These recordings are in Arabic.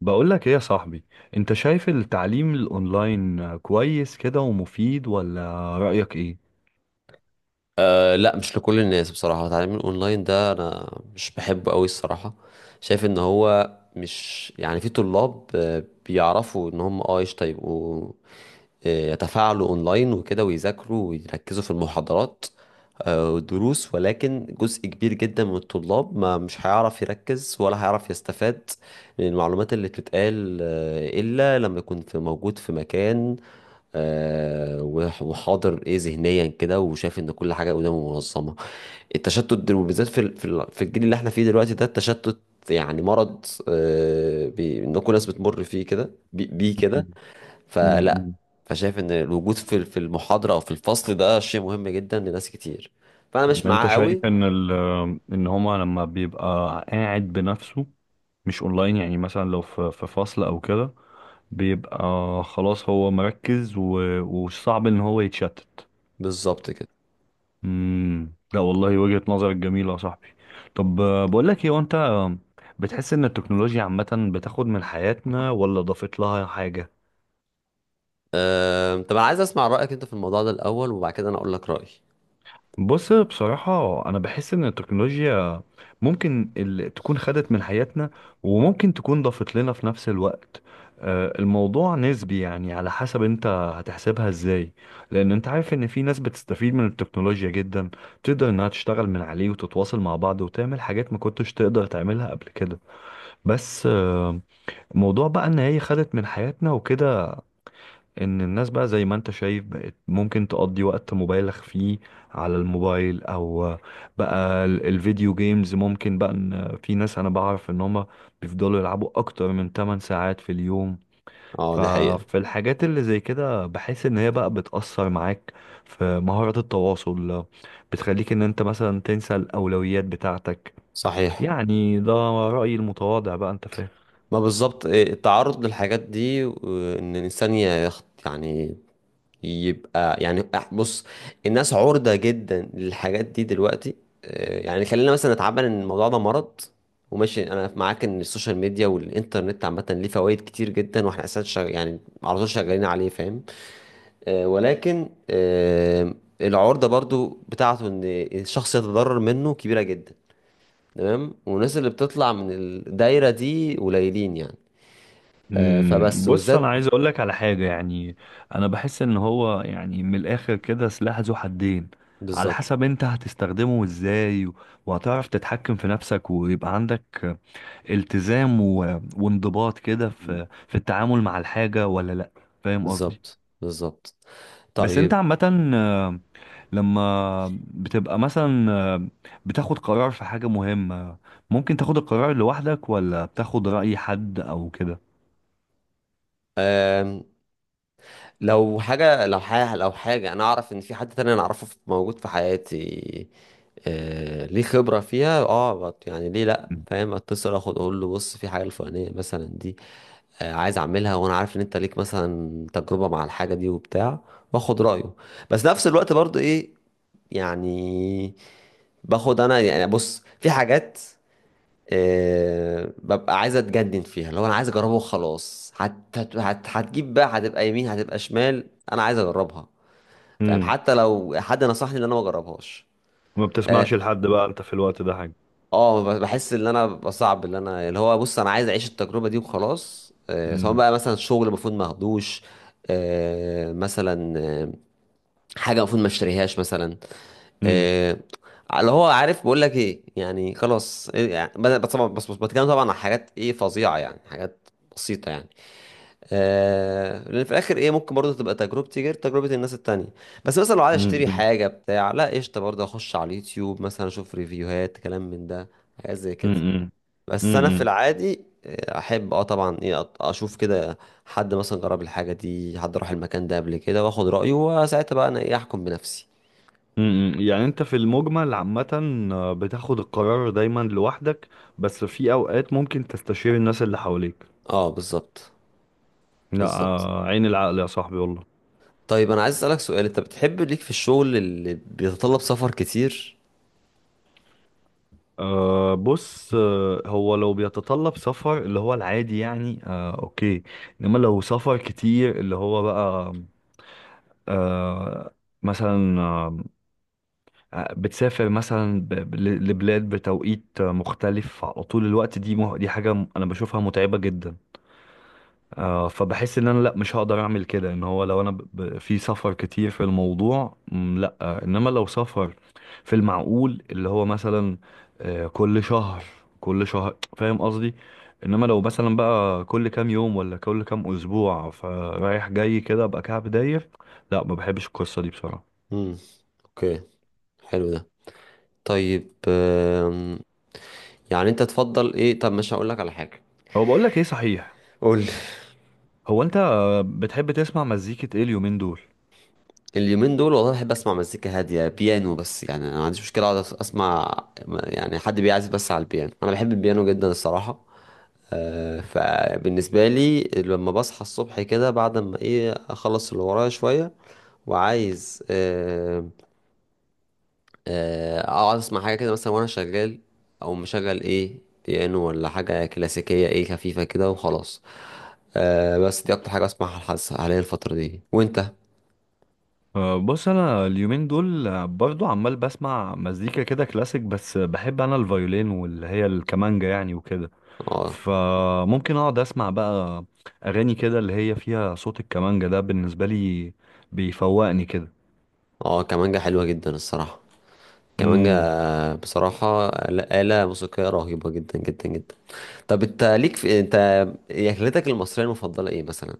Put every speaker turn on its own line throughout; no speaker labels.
بقول لك ايه يا صاحبي؟ انت شايف التعليم الاونلاين كويس كده ومفيد ولا رأيك ايه؟
أه، لا، مش لكل الناس، بصراحة. تعليم الأونلاين ده أنا مش بحبه أوي الصراحة. شايف إن هو، مش، يعني في طلاب بيعرفوا إن هم قشطة، يبقوا يتفاعلوا أونلاين وكده ويذاكروا ويركزوا في المحاضرات والدروس. ولكن جزء كبير جدا من الطلاب ما مش هيعرف يركز ولا هيعرف يستفاد من المعلومات اللي بتتقال، إلا لما يكون في، موجود في مكان، وحاضر، ايه، ذهنيا كده، وشايف ان كل حاجه قدامه منظمه. التشتت ده، وبالذات في في الجيل اللي احنا فيه دلوقتي، ده التشتت يعني مرض. ان كل الناس بتمر فيه كده، بيه كده. فلا.
م-
فشايف ان الوجود في في المحاضره او في الفصل ده شيء مهم جدا لناس كتير. فانا مش
م. انت
معاه قوي.
شايف ان ال ان هما لما بيبقى قاعد بنفسه، مش اونلاين، يعني مثلا لو في فصل او كده بيبقى خلاص هو مركز وصعب ان هو يتشتت.
بالظبط كده.
لا والله، وجهة نظرك جميلة يا صاحبي. طب بقول لك ايه، وانت بتحس ان التكنولوجيا عامة بتاخد من حياتنا ولا ضافت لها حاجة؟
طب انا عايز اسمع رايك انت في الموضوع ده الاول وبعد كده انا اقول لك رايي.
بص، بصراحة أنا بحس إن التكنولوجيا ممكن تكون خدت من حياتنا، وممكن تكون ضافت لنا في نفس الوقت. الموضوع نسبي، يعني على حسب أنت هتحسبها إزاي. لأن أنت عارف إن في ناس بتستفيد من التكنولوجيا جدا، تقدر إنها تشتغل من عليه وتتواصل مع بعض وتعمل حاجات ما كنتش تقدر تعملها قبل كده. بس موضوع بقى إن هي خدت من حياتنا وكده، ان الناس بقى زي ما انت شايف بقت ممكن تقضي وقت مبالغ فيه على الموبايل، او بقى الفيديو جيمز. ممكن بقى ان في ناس انا بعرف ان هما بيفضلوا يلعبوا اكتر من 8 ساعات في اليوم.
اه، دي حقيقه.
ففي الحاجات اللي زي كده بحس ان هي بقى بتأثر معاك في مهارة التواصل، بتخليك ان انت مثلا تنسى الاولويات بتاعتك.
صحيح.
يعني ده رأيي المتواضع بقى، انت فاهم.
ما بالظبط التعرض للحاجات دي وان الانسان يخت، يعني يبقى، يعني بص، الناس عرضة جدا للحاجات دي دلوقتي. يعني خلينا مثلا نتعامل ان الموضوع ده مرض. وماشي انا معاك ان السوشيال ميديا والانترنت عامة ليه فوائد كتير جدا واحنا اساسا يعني على طول شغالين عليه، فاهم. ولكن العرضة برضو بتاعته ان الشخص يتضرر منه كبيرة جدا. تمام، والناس اللي بتطلع من الدايرة دي قليلين يعني. فبس
بص، انا
والذات.
عايز اقول لك على حاجه، يعني انا بحس ان هو يعني من الاخر كده سلاح ذو حدين، على
بالظبط.
حسب انت هتستخدمه ازاي وهتعرف تتحكم في نفسك، ويبقى عندك التزام وانضباط كده
مم.
في التعامل مع الحاجه ولا لا. فاهم قصدي؟
بالظبط، بالظبط.
بس انت
طيب.
عامه، لما بتبقى مثلا بتاخد قرار في حاجه مهمه، ممكن تاخد القرار لوحدك ولا بتاخد رأي حد او كده؟
آم، لو حاجة، أنا أعرف إن في حد تاني أنا أعرفه موجود في حياتي، ليه خبرة فيها، يعني ليه لأ، فاهم، أتصل أخد أقول له بص في حاجة الفلانية مثلا دي، عايز أعملها وأنا عارف إن أنت ليك مثلا تجربة مع الحاجة دي وبتاع، وآخد رأيه. بس نفس الوقت برضو إيه، يعني، باخد أنا، يعني، بص في حاجات ببقى عايز اتجنن فيها. لو انا عايز اجربه وخلاص، هتجيب بقى، هتبقى يمين، هتبقى شمال، انا عايز اجربها. فاهم،
امم
حتى لو حد نصحني ان انا ما اجربهاش.
ما بتسمعش
اه.
لحد بقى انت في الوقت ده حاجة.
بحس ان انا بصعب اللي انا اللي هو، بص انا عايز اعيش التجربه دي وخلاص. سواء
مم.
بقى مثلا شغل المفروض ما اخدوش، مثلا، حاجه المفروض ما اشتريهاش مثلا.
مم.
آه، اللي هو، عارف، بقول لك ايه، يعني خلاص، إيه، يعني بس، بس طبعا، بس بس بتكلم طبعا عن حاجات، ايه، فظيعه، يعني حاجات بسيطه يعني. لان في الاخر، ايه، ممكن برضه تبقى تجربتي غير تجربه الناس التانية. بس مثلا لو عايز
مم.
اشتري
مم.
حاجه، بتاع، لا قشطه، برضه اخش على اليوتيوب مثلا، اشوف ريفيوهات، كلام من ده، حاجات زي كده.
مم.
بس انا في
مم.
العادي احب، طبعا، اشوف كده حد مثلا جرب الحاجه دي، حد راح المكان ده قبل كده واخد رايه، وساعتها بقى انا، ايه، احكم بنفسي.
مم. يعني انت في المجمل عامة بتاخد القرار دايما لوحدك، بس في اوقات ممكن تستشير الناس اللي حواليك.
اه، بالظبط،
لا
بالظبط.
عين العقل يا صاحبي والله.
طيب انا عايز اسالك سؤال، انت بتحب ليك في الشغل اللي بيتطلب سفر كتير؟
أه بص، هو لو بيتطلب سفر اللي هو العادي، يعني أه اوكي. انما لو سفر كتير اللي هو بقى أه مثلا، بتسافر مثلا لبلاد بتوقيت مختلف على طول الوقت، دي حاجة أنا بشوفها متعبة جدا. فبحس إن أنا لأ، مش هقدر أعمل كده، إن هو لو أنا في سفر كتير في الموضوع لأ. إنما لو سفر في المعقول، اللي هو مثلا كل شهر، كل شهر، فاهم قصدي. إنما لو مثلا بقى كل كام يوم ولا كل كام أسبوع، فرايح جاي كده أبقى كعب داير، لأ ما بحبش القصة دي بصراحة.
امم. اوكي. حلو ده. طيب. يعني انت تفضل ايه؟ طب مش هقول لك على حاجه.
هو بقول لك إيه صحيح،
قول لي.
هو انت بتحب تسمع مزيكة ايه اليومين دول؟
اليومين دول والله بحب اسمع مزيكا هاديه، بيانو، بس يعني انا ما عنديش مشكله اقعد اسمع، يعني، حد بيعزف بس على البيانو. انا بحب البيانو جدا الصراحه. فبالنسبه لي لما بصحى الصبح كده، بعد ما، ايه، اخلص اللي ورايا شويه، وعايز، اقعد اسمع حاجه كده مثلا وانا شغال، او مشغل، ايه، بيانو ولا حاجه كلاسيكيه، ايه، خفيفه كده وخلاص. أه، بس دي اكتر حاجه اسمعها الحس حاليا الفتره دي. وانت؟
أه بص، انا اليومين دول برضو عمال بسمع مزيكا كده كلاسيك، بس بحب انا الفيولين، واللي هي الكمانجا يعني وكده،
اه،
فممكن اقعد اسمع بقى اغاني كده اللي هي فيها صوت الكمانجا. ده بالنسبة لي بيفوقني كده.
اه، كمانجا حلوه جدا الصراحه. كمانجا،
امم
بصراحه، آلة موسيقية رهيبة جدا جدا جدا. طب، انت، ليك في، انت، أكلتك المصرية المفضلة ايه مثلا؟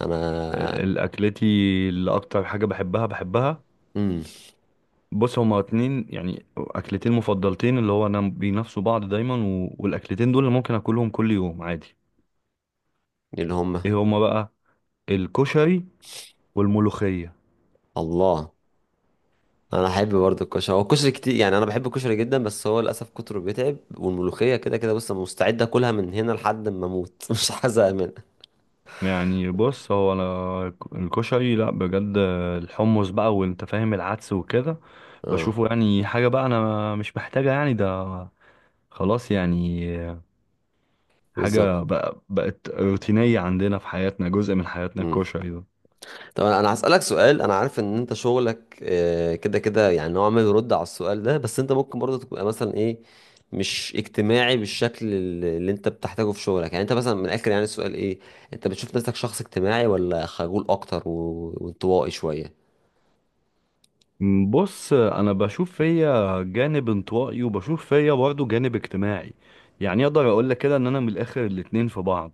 انا.
الاكلتي اللي اكتر حاجة بحبها،
امم.
بص هما اتنين يعني اكلتين مفضلتين، اللي هو انا بينافسوا بعض دايما، والاكلتين دول اللي ممكن اكلهم كل يوم عادي.
اللي هم.
ايه هما بقى؟ الكشري والملوخية.
الله. انا احب برضه الكشري. هو الكشري كتير يعني، انا بحب الكشري جدا، بس هو للاسف كتره بيتعب. والملوخيه كده كده، بص أنا مستعد اكلها من هنا لحد ما اموت مش هزهق منها.
يعني بص هو انا الكشري لا بجد، الحمص بقى وانت فاهم، العدس وكده،
اه،
بشوفه يعني حاجة بقى انا مش محتاجة يعني، ده خلاص يعني
بالظبط.
حاجة بقى بقت روتينية عندنا في حياتنا، جزء من حياتنا
امم.
الكشري ده.
طب أنا هسالك سؤال. انا عارف ان انت شغلك، كده كده، يعني نوعا ما يرد على السؤال ده، بس انت ممكن برضه تبقى مثلا، ايه، مش اجتماعي بالشكل اللي انت بتحتاجه في شغلك. يعني انت مثلا، من الاخر يعني، السؤال ايه؟ انت بتشوف نفسك شخص اجتماعي ولا خجول اكتر وانطوائي شويه؟
بص انا بشوف فيا جانب انطوائي، وبشوف فيا برضه جانب اجتماعي، يعني اقدر اقول لك كده ان انا من الاخر الاتنين في بعض.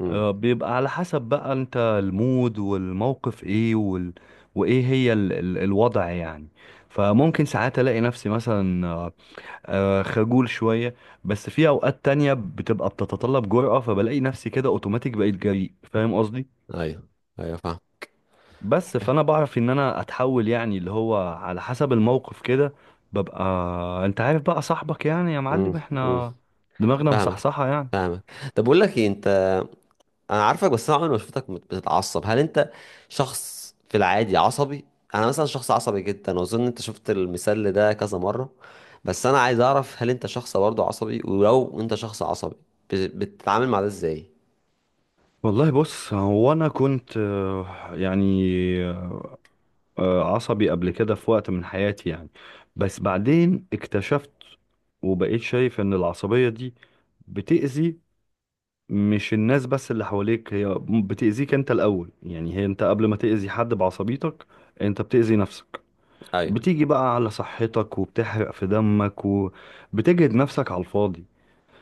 امم.
بيبقى على حسب بقى انت المود والموقف ايه وايه هي الوضع يعني. فممكن ساعات الاقي نفسي مثلا خجول شوية، بس في اوقات تانية بتبقى بتتطلب جرأة، فبلاقي نفسي كده اوتوماتيك بقيت جريء، فاهم قصدي؟
ايوه، ايوه، فاهم.
بس فانا بعرف ان انا اتحول يعني اللي هو على حسب الموقف كده ببقى، انت عارف بقى صاحبك، يعني يا
مم.
معلم
مم.
احنا دماغنا
فاهمك.
مصحصحة يعني.
فاهمك. طب بقول لك ايه، انت، انا عارفك بس انا عمري ما شفتك بتتعصب. هل انت شخص في العادي عصبي؟ انا مثلا شخص عصبي جدا، واظن انت شفت المثال ده كذا مره. بس انا عايز اعرف هل انت شخص برضه عصبي؟ ولو انت شخص عصبي، بتتعامل مع ده ازاي؟
والله بص هو انا كنت يعني عصبي قبل كده في وقت من حياتي يعني، بس بعدين اكتشفت وبقيت شايف ان العصبية دي بتأذي مش الناس بس اللي حواليك، هي بتأذيك انت الاول، يعني هي انت قبل ما تأذي حد بعصبيتك انت بتأذي نفسك،
ايوه،
بتيجي بقى على صحتك وبتحرق في دمك وبتجهد نفسك على الفاضي.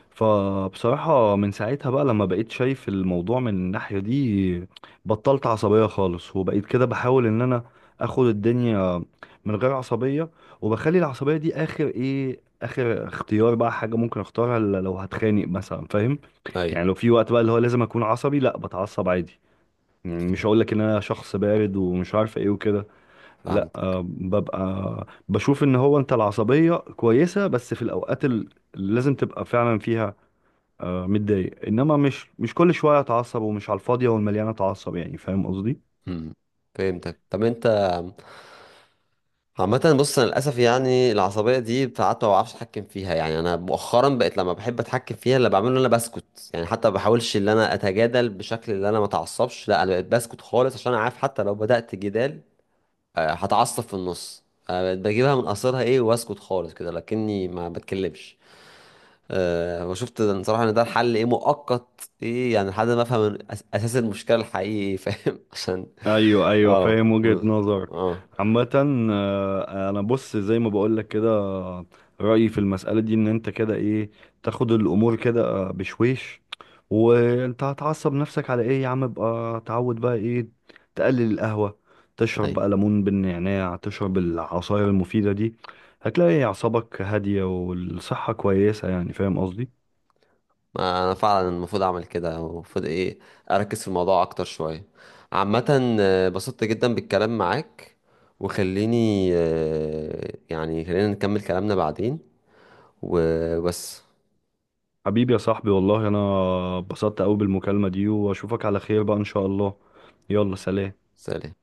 فبصراحة من ساعتها بقى لما بقيت شايف الموضوع من الناحية دي، بطلت عصبية خالص، وبقيت كده بحاول ان انا اخد الدنيا من غير عصبية، وبخلي العصبية دي اخر ايه، اخر اختيار بقى، حاجة ممكن اختارها لو هتخانق مثلا فاهم؟
ايوه،
يعني لو في وقت بقى اللي هو لازم اكون عصبي، لا بتعصب عادي، يعني مش هقولك ان انا شخص بارد ومش عارف ايه وكده، لا
فهمت.
ببقى بشوف ان هو انت العصبية كويسة بس في الاوقات اللي لازم تبقى فعلا فيها متضايق، انما مش كل شوية اتعصب، ومش على الفاضية والمليانة اتعصب يعني، فاهم قصدي؟
امم. فهمتك. طب انت، عامة، بص أنا للأسف يعني العصبية دي ساعات ما بعرفش أتحكم فيها. يعني أنا مؤخرا بقيت لما بحب أتحكم فيها اللي بعمله إن أنا بسكت، يعني حتى ما بحاولش إن أنا أتجادل بشكل اللي أنا ما أتعصبش. لا، أنا بقيت بسكت خالص عشان أنا عارف حتى لو بدأت جدال هتعصب في النص. أنا بقيت بجيبها من قصرها، إيه، وأسكت خالص كده لكني ما بتكلمش. أه، وشفت إن صراحة إن ده الحل، إيه، مؤقت، إيه، يعني لحد ما أفهم أساس المشكلة الحقيقي، فاهم عشان.
ايوه،
أه.
فاهم وجهة نظر.
أه.
عامة انا بص زي ما بقولك كده، رأيي في المسألة دي ان انت كده ايه، تاخد الامور كده بشويش، وانت هتعصب نفسك على ايه يا عم، ابقى تعود بقى ايه، تقلل القهوة، تشرب
أيوة.
بقى ليمون بالنعناع، تشرب العصاير المفيدة دي، هتلاقي اعصابك هادية والصحة كويسة، يعني فاهم قصدي.
ما انا فعلا المفروض اعمل كده، المفروض، ايه، اركز في الموضوع اكتر شويه. عامه بسطت جدا بالكلام معاك. وخليني، يعني خلينا نكمل كلامنا بعدين. وبس.
حبيبي يا صاحبي والله انا اتبسطت قوي بالمكالمة دي، واشوفك على خير بقى ان شاء الله. يلا سلام.
سلام.